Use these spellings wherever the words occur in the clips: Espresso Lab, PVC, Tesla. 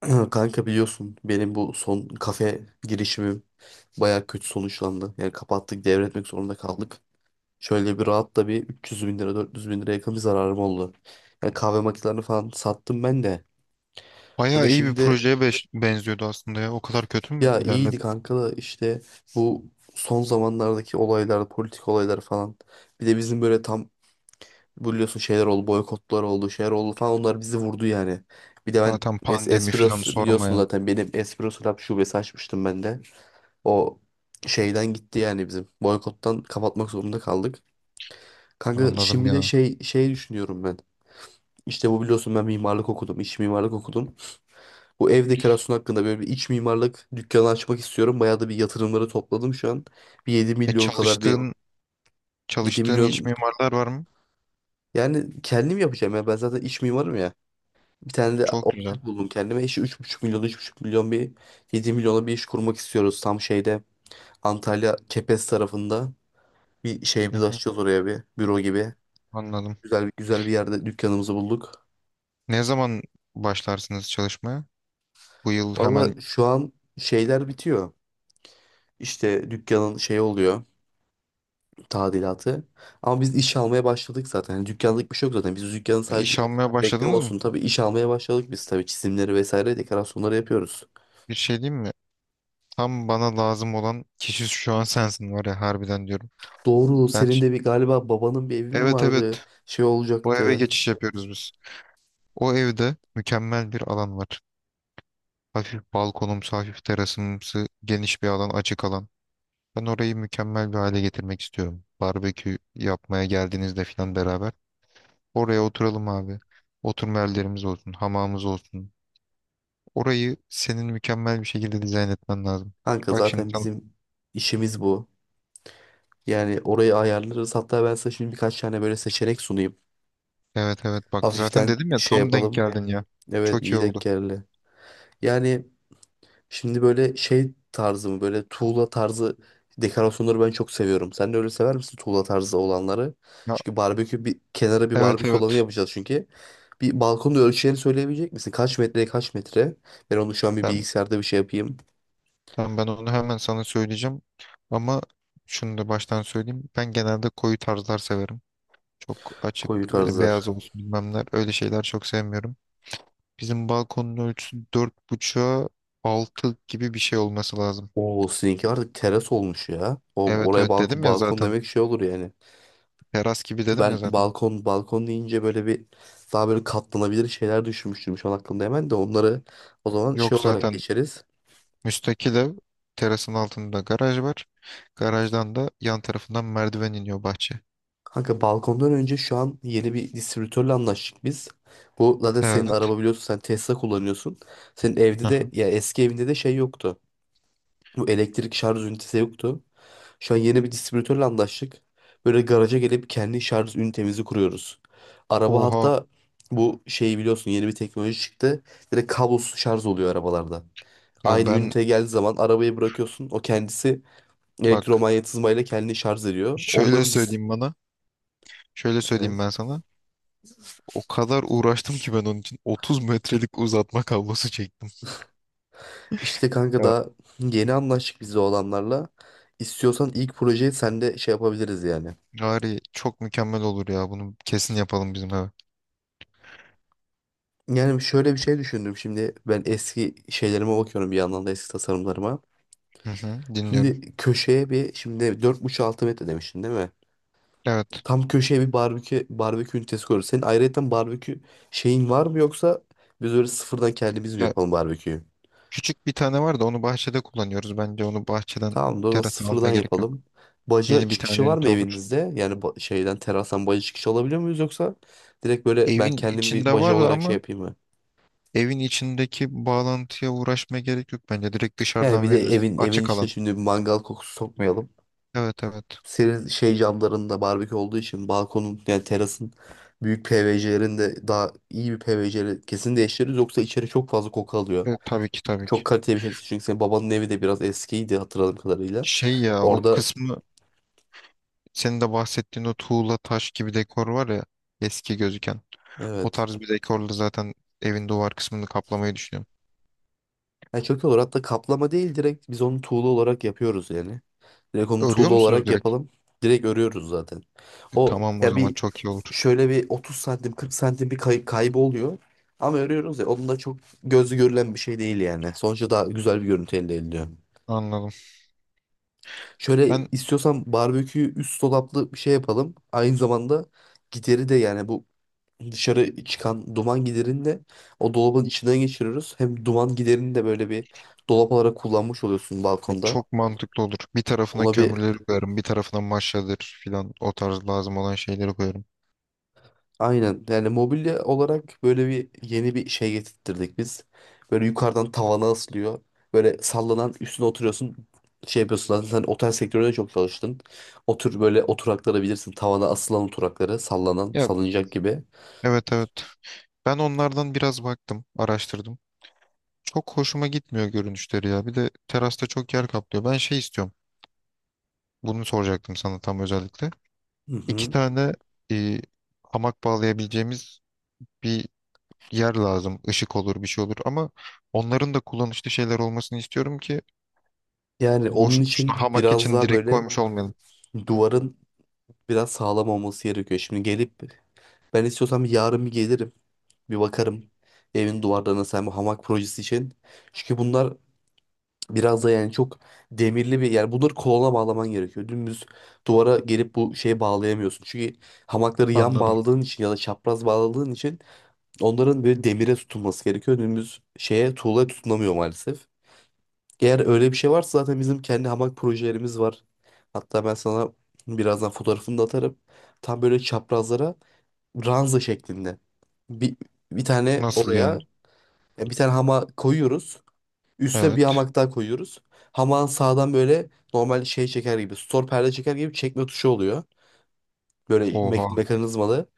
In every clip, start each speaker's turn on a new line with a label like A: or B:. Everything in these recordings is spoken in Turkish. A: Kanka biliyorsun benim bu son kafe girişimim bayağı kötü sonuçlandı. Yani kapattık, devretmek zorunda kaldık. Şöyle bir rahat da bir 300 bin lira, 400 bin lira yakın bir zararım oldu. Yani kahve makinelerini falan sattım ben de. Kanka
B: Bayağı iyi bir
A: şimdi,
B: projeye benziyordu aslında ya. O kadar kötü mü
A: ya iyiydi
B: ilerledi?
A: kanka da işte bu son zamanlardaki olaylar, politik olaylar falan. Bir de bizim böyle tam, biliyorsun şeyler oldu, boykotlar oldu, şeyler oldu falan, onlar bizi vurdu yani. Bir de ben
B: Zaten
A: Es
B: pandemi falan
A: Espresso biliyorsun,
B: sormaya.
A: zaten benim Espresso Lab şubesi açmıştım ben de. O şeyden gitti yani bizim. Boykottan kapatmak zorunda kaldık. Kanka
B: Anladım
A: şimdi de
B: ya.
A: şey düşünüyorum ben. İşte bu, biliyorsun ben mimarlık okudum, iç mimarlık okudum. Bu ev dekorasyonu hakkında böyle bir iç mimarlık dükkanı açmak istiyorum. Bayağı da bir yatırımları topladım şu an. Bir yedi
B: E
A: milyon kadar bir
B: çalıştığın
A: yedi
B: çalıştığın iç
A: milyon
B: mimarlar var mı?
A: yani kendim yapacağım ya. Ben zaten iç mimarım ya. Bir tane de
B: Çok güzel.
A: ortak buldum kendime. İşte 3,5 milyon, 3,5 milyon, bir 7 milyona bir iş kurmak istiyoruz tam şeyde, Antalya Kepez tarafında. Bir
B: Hı
A: şeyimizi
B: hı,
A: açacağız oraya, bir büro gibi.
B: anladım.
A: Güzel bir yerde dükkanımızı bulduk.
B: Ne zaman başlarsınız çalışmaya? Bu yıl hemen
A: Valla şu an şeyler bitiyor. İşte dükkanın şey oluyor, tadilatı. Ama biz iş almaya başladık zaten. Yani dükkanlık bir şey yok zaten. Biz dükkanın sadece
B: iş almaya
A: reklam
B: başladınız mı?
A: olsun, tabii iş almaya başladık biz, tabii çizimleri vesaire dekorasyonları yapıyoruz.
B: Bir şey diyeyim mi? Tam bana lazım olan kişi şu an sensin var ya harbiden diyorum.
A: Doğru,
B: Ben,
A: senin de bir galiba babanın bir evi mi
B: evet
A: vardı?
B: evet,
A: Şey
B: o eve
A: olacaktı.
B: geçiş yapıyoruz biz. O evde mükemmel bir alan var. Hafif balkonumsu, hafif terasımsı, geniş bir alan, açık alan. Ben orayı mükemmel bir hale getirmek istiyorum. Barbekü yapmaya geldiğinizde falan beraber. Oraya oturalım abi. Oturma yerlerimiz olsun, hamamımız olsun. Orayı senin mükemmel bir şekilde dizayn etmen lazım.
A: Kanka
B: Bak şimdi
A: zaten
B: tam,
A: bizim işimiz bu. Yani orayı ayarlarız. Hatta ben size şimdi birkaç tane böyle seçenek sunayım.
B: evet evet, bak zaten
A: Hafiften
B: dedim ya
A: şey
B: tam denk
A: yapalım.
B: geldin ya.
A: Evet,
B: Çok iyi
A: iyi denk
B: oldu.
A: geldi. Yani şimdi böyle şey tarzı mı, böyle tuğla tarzı dekorasyonları ben çok seviyorum. Sen de öyle sever misin tuğla tarzı olanları?
B: Ya,
A: Çünkü barbekü, bir kenara bir
B: evet
A: barbekü olanı
B: evet,
A: yapacağız çünkü. Bir balkonda ölçülerini söyleyebilecek misin? Kaç metreye kaç metre? Ben onu şu an bir
B: ben,
A: bilgisayarda bir şey yapayım.
B: tamam ben onu hemen sana söyleyeceğim. Ama şunu da baştan söyleyeyim. Ben genelde koyu tarzlar severim. Çok açık
A: Koyu
B: böyle beyaz
A: tarzlar.
B: olsun bilmemler öyle şeyler çok sevmiyorum. Bizim balkonun ölçüsü 4.5'a 6 gibi bir şey olması lazım.
A: Oo, sizinki artık teras olmuş ya. O
B: Evet
A: oraya
B: evet,
A: balkon
B: dedim ya
A: balkon
B: zaten,
A: demek şey olur yani.
B: teras gibi dedim ya
A: Ben
B: zaten.
A: balkon deyince böyle bir, daha böyle katlanabilir şeyler düşünmüştüm şu an aklımda hemen de onları, o zaman şey
B: Yok
A: olarak
B: zaten,
A: geçeriz.
B: müstakil ev, terasın altında garaj var. Garajdan da yan tarafından merdiven iniyor bahçe.
A: Kanka balkondan önce şu an yeni bir distribütörle anlaştık biz. Bu zaten senin
B: Evet.
A: araba, biliyorsun sen Tesla kullanıyorsun. Senin evde de,
B: Aha.
A: ya eski evinde de şey yoktu. Bu elektrik şarj ünitesi yoktu. Şu an yeni bir distribütörle anlaştık. Böyle garaja gelip kendi şarj ünitemizi kuruyoruz. Araba
B: Oha.
A: hatta bu şeyi biliyorsun, yeni bir teknoloji çıktı. Direkt kablosuz şarj oluyor arabalarda.
B: Ya
A: Aynı
B: ben
A: üniteye geldiği zaman arabayı bırakıyorsun. O kendisi
B: bak,
A: elektromanyetizmayla kendini şarj ediyor.
B: şöyle
A: Onların
B: söyleyeyim bana. Şöyle söyleyeyim
A: Evet.
B: ben sana. O kadar uğraştım ki ben onun için 30 metrelik uzatma kablosu çektim.
A: İşte kanka
B: Ya
A: daha yeni anlaştık biz de o adamlarla. İstiyorsan ilk projeyi sen de şey yapabiliriz yani.
B: Gari çok mükemmel olur ya. Bunu kesin yapalım bizim eve.
A: Yani şöyle bir şey düşündüm şimdi, ben eski şeylerime bakıyorum bir yandan da, eski tasarımlarıma.
B: Hı hı, dinliyorum.
A: Şimdi köşeye bir, şimdi dört buçuk altı metre demiştin değil mi?
B: Evet.
A: Tam köşeye bir barbekü ünitesi koyuyoruz. Senin ayrıyeten barbekü şeyin var mı, yoksa biz öyle sıfırdan kendimiz mi
B: Ya,
A: yapalım barbeküyü?
B: küçük bir tane var da onu bahçede kullanıyoruz. Bence onu bahçeden
A: Tamam da o zaman
B: terasa almaya
A: sıfırdan
B: gerek yok.
A: yapalım. Baca
B: Yeni bir tane
A: çıkışı var mı
B: ünite olur.
A: evinizde? Yani şeyden terastan baca çıkışı alabiliyor muyuz, yoksa direkt böyle ben
B: Evin
A: kendim bir
B: içinde
A: baca
B: var
A: olarak şey
B: ama
A: yapayım mı?
B: evin içindeki bağlantıya uğraşmaya gerek yok bence. Direkt
A: Yani
B: dışarıdan
A: bir de
B: veririz.
A: evin
B: Açık
A: içine
B: alan.
A: şimdi bir mangal kokusu sokmayalım.
B: Evet evet.
A: Senin şey camlarında barbekü olduğu için balkonun, yani terasın büyük PVC'lerinde, daha iyi bir PVC'leri kesin değiştiririz, yoksa içeri çok fazla koku alıyor.
B: Evet, tabii ki tabii
A: Çok
B: ki.
A: kaliteli bir şey değil, çünkü senin babanın evi de biraz eskiydi hatırladığım kadarıyla.
B: Şey ya, o
A: Orada,
B: kısmı, senin de bahsettiğin o tuğla taş gibi dekor var ya, eski gözüken. O
A: evet.
B: tarz bir dekorla zaten evin duvar kısmını kaplamayı düşünüyorum.
A: Yani çok iyi olur. Hatta kaplama değil, direkt biz onu tuğla olarak yapıyoruz yani. Direkt onu
B: Örüyor
A: tuğla
B: musunuz
A: olarak
B: direkt?
A: yapalım. Direkt örüyoruz zaten.
B: E,
A: O
B: tamam o
A: ya
B: zaman
A: bir,
B: çok iyi olur.
A: şöyle bir 30 santim, 40 santim bir kaybı oluyor. Ama örüyoruz ya, onun da çok gözü görülen bir şey değil yani. Sonuçta daha güzel bir görüntü elde ediliyor.
B: Anladım.
A: Şöyle
B: Ben
A: istiyorsan barbekü üst dolaplı bir şey yapalım. Aynı zamanda gideri de, yani bu dışarı çıkan duman giderini de o dolabın içinden geçiriyoruz. Hem duman giderini de böyle bir dolap olarak kullanmış oluyorsun balkonda.
B: Çok mantıklı olur. Bir tarafına
A: Ona bir,
B: kömürleri koyarım, bir tarafına maşadır filan o tarz lazım olan şeyleri koyarım.
A: aynen yani mobilya olarak böyle bir yeni bir şey getirttirdik biz. Böyle yukarıdan tavana asılıyor. Böyle sallanan, üstüne oturuyorsun. Şey yapıyorsun zaten, sen otel sektöründe çok çalıştın. Otur böyle oturakları bilirsin. Tavana asılan oturakları, sallanan
B: Ya
A: salıncak gibi.
B: evet evet. Ben onlardan biraz baktım, araştırdım. Çok hoşuma gitmiyor görünüşleri ya. Bir de terasta çok yer kaplıyor. Ben şey istiyorum. Bunu soracaktım sana tam özellikle.
A: Hı
B: İki
A: hı.
B: tane e, hamak bağlayabileceğimiz bir yer lazım. Işık olur, bir şey olur ama onların da kullanışlı şeyler olmasını istiyorum ki
A: Yani onun
B: boş
A: için
B: boşuna hamak
A: biraz
B: için
A: daha
B: direkt
A: böyle
B: koymuş olmayalım.
A: duvarın biraz sağlam olması gerekiyor. Şimdi gelip, ben istiyorsam yarın bir gelirim. Bir bakarım evin duvarlarına, sen bu hamak projesi için. Çünkü bunlar biraz da yani çok demirli bir, yani bunları kolona bağlaman gerekiyor. Dümdüz duvara gelip bu şeyi bağlayamıyorsun. Çünkü hamakları yan
B: Anladım.
A: bağladığın için ya da çapraz bağladığın için, onların böyle demire tutunması gerekiyor. Dümdüz şeye, tuğlaya tutunamıyor maalesef. Eğer öyle bir şey varsa zaten bizim kendi hamak projelerimiz var. Hatta ben sana birazdan fotoğrafını da atarım. Tam böyle çaprazlara ranza şeklinde. Bir, bir tane
B: Nasıl yani?
A: oraya bir tane hamak koyuyoruz. Üstüne bir
B: Evet.
A: hamak daha koyuyoruz. Hamağın sağdan böyle normal şey çeker gibi, stor perde çeker gibi çekme tuşu oluyor. Böyle
B: Oha.
A: mekanizmalı.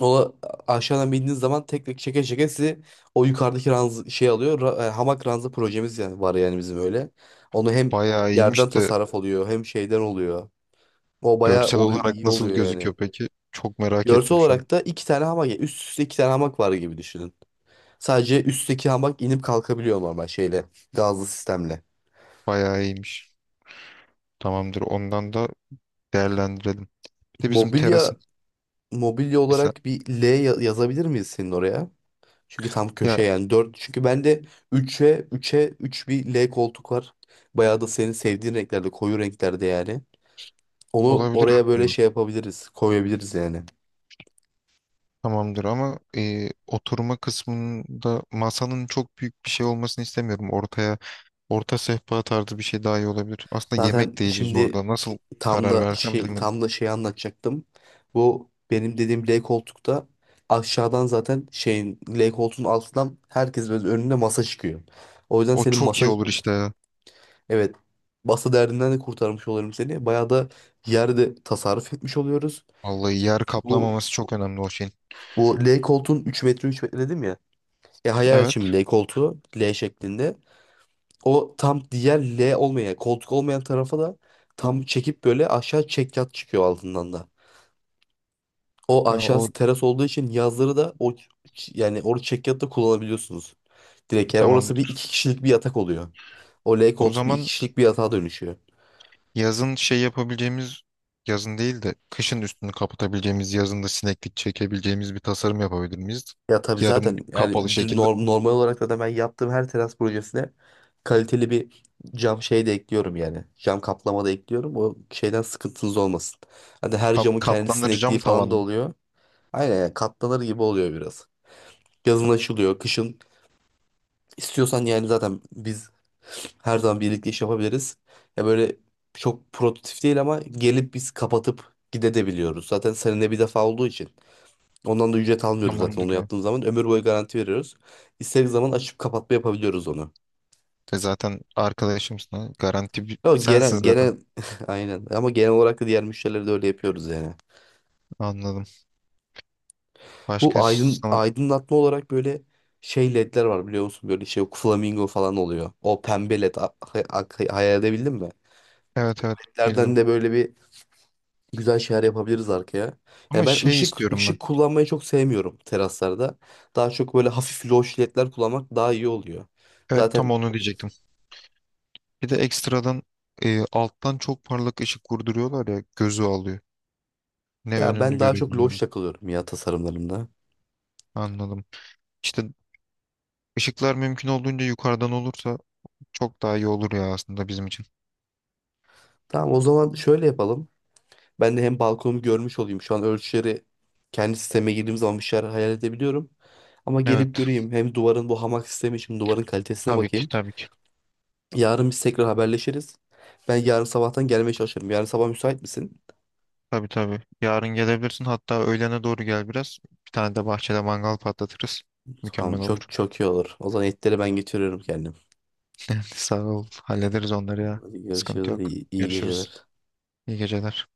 A: O aşağıdan bindiğiniz zaman tek tek çeke çeke sizi o yukarıdaki ranz şey alıyor. Hamak ranza projemiz yani var yani bizim öyle. Onu hem
B: Bayağı
A: yerden
B: iyiymiş de
A: tasarruf oluyor, hem şeyden oluyor. O bayağı
B: görsel
A: oluyor,
B: olarak
A: iyi
B: nasıl
A: oluyor
B: gözüküyor
A: yani.
B: peki? Çok merak
A: Görsel
B: ettim şu an.
A: olarak da iki tane hamak, üst üste iki tane hamak var gibi düşünün. Sadece üstteki hamak inip kalkabiliyor, normal şeyle, gazlı sistemle.
B: Bayağı iyiymiş. Tamamdır. Ondan da değerlendirelim. Bir de bizim
A: Mobilya
B: terasın
A: mobilya
B: bir sa-
A: olarak bir L yazabilir miyiz senin oraya? Çünkü tam
B: ya
A: köşe, yani dört. Çünkü bende üçe üçe 3 bir L koltuk var. Bayağı da senin sevdiğin renklerde, koyu renklerde yani. Onu
B: olabilir
A: oraya böyle
B: aslında.
A: şey yapabiliriz, koyabiliriz yani.
B: Tamamdır ama oturma kısmında masanın çok büyük bir şey olmasını istemiyorum. Ortaya orta sehpa tarzı bir şey daha iyi olabilir. Aslında
A: Zaten
B: yemek de yiyeceğiz
A: şimdi,
B: orada. Nasıl
A: tam
B: karar
A: da
B: versem
A: şey
B: bilemedim.
A: tam da şey anlatacaktım. Bu benim dediğim L koltukta, aşağıdan zaten şeyin L koltuğun altından herkes böyle önünde masa çıkıyor. O yüzden
B: O
A: senin
B: çok
A: masa,
B: iyi olur işte ya.
A: evet, masa derdinden de kurtarmış olurum seni. Bayağı da yerde tasarruf etmiş oluyoruz.
B: Vallahi yer
A: Bu
B: kaplamaması çok önemli o şeyin.
A: Bu L koltuğun 3 metre 3 metre dedim ya. E hayal et
B: Evet.
A: şimdi L koltuğu L şeklinde. O tam diğer L olmayan, koltuk olmayan tarafa da tam çekip böyle aşağı çekyat çıkıyor altından da. O
B: Ya o
A: aşağısı teras olduğu için yazları da o yani orada çekyat da kullanabiliyorsunuz. Direkt yani orası bir
B: tamamdır.
A: iki kişilik bir yatak oluyor. O L
B: O
A: koltuk bir iki
B: zaman
A: kişilik bir yatağa dönüşüyor.
B: yazın şey yapabileceğimiz, yazın değil de kışın üstünü kapatabileceğimiz, yazında sineklik çekebileceğimiz bir tasarım yapabilir miyiz?
A: Ya tabii,
B: Yarım
A: zaten
B: kapalı
A: yani düz
B: şekilde
A: normal olarak da ben yaptığım her teras projesine kaliteli bir cam şey de ekliyorum yani. Cam kaplama da ekliyorum. O şeyden sıkıntınız olmasın. Hadi, her camın kendi
B: katlanır
A: sinekliği
B: cam
A: falan da
B: tavan.
A: oluyor. Aynen, yani katlanır gibi oluyor biraz. Yazın açılıyor, kışın istiyorsan yani, zaten biz her zaman birlikte iş yapabiliriz. Ya böyle çok prototip değil ama gelip biz kapatıp gidebiliyoruz. Zaten seninle bir defa olduğu için. Ondan da ücret almıyoruz zaten
B: Tamamdır
A: onu
B: ya.
A: yaptığımız zaman. Ömür boyu garanti veriyoruz. İstediğimiz zaman açıp kapatma yapabiliyoruz onu.
B: E zaten arkadaşımsın ha. Garanti
A: Ama
B: sensin
A: genel,
B: zaten.
A: genel aynen, ama genel olarak da diğer müşterileri de öyle yapıyoruz yani.
B: Anladım.
A: Bu
B: Başka sana...
A: aydınlatma olarak böyle şey ledler var biliyor musun? Böyle şey flamingo falan oluyor. O pembe led hayal edebildin mi?
B: Evet evet,
A: Ledlerden
B: bildim.
A: de böyle bir güzel şeyler yapabiliriz arkaya. Yani
B: Ama
A: ben
B: şey
A: ışık
B: istiyorum ben.
A: ışık kullanmayı çok sevmiyorum teraslarda. Daha çok böyle hafif loş ledler kullanmak daha iyi oluyor.
B: Evet, tam
A: Zaten.
B: onu diyecektim. Bir de ekstradan alttan çok parlak ışık vurduruyorlar ya gözü alıyor. Ne
A: Ya
B: önünü
A: ben daha çok loş
B: görebiliyorum.
A: takılıyorum ya tasarımlarımda.
B: Anladım. İşte ışıklar mümkün olduğunca yukarıdan olursa çok daha iyi olur ya aslında bizim için.
A: Tamam, o zaman şöyle yapalım. Ben de hem balkonumu görmüş olayım. Şu an ölçüleri kendi sisteme girdiğim zaman bir şeyler hayal edebiliyorum. Ama
B: Evet.
A: gelip göreyim. Hem duvarın, bu hamak sistemi için duvarın kalitesine
B: Tabii ki
A: bakayım.
B: tabii ki.
A: Yarın biz tekrar haberleşiriz. Ben yarın sabahtan gelmeye çalışırım. Yarın sabah müsait misin?
B: Tabii tabii. Yarın gelebilirsin. Hatta öğlene doğru gel biraz. Bir tane de bahçede mangal patlatırız.
A: Tamam,
B: Mükemmel
A: çok
B: olur.
A: çok iyi olur. O zaman etleri ben getiriyorum kendim.
B: Sağ ol. Hallederiz onları ya.
A: Hadi
B: Sıkıntı
A: görüşürüz.
B: yok.
A: İyi, iyi
B: Görüşürüz.
A: geceler.
B: İyi geceler.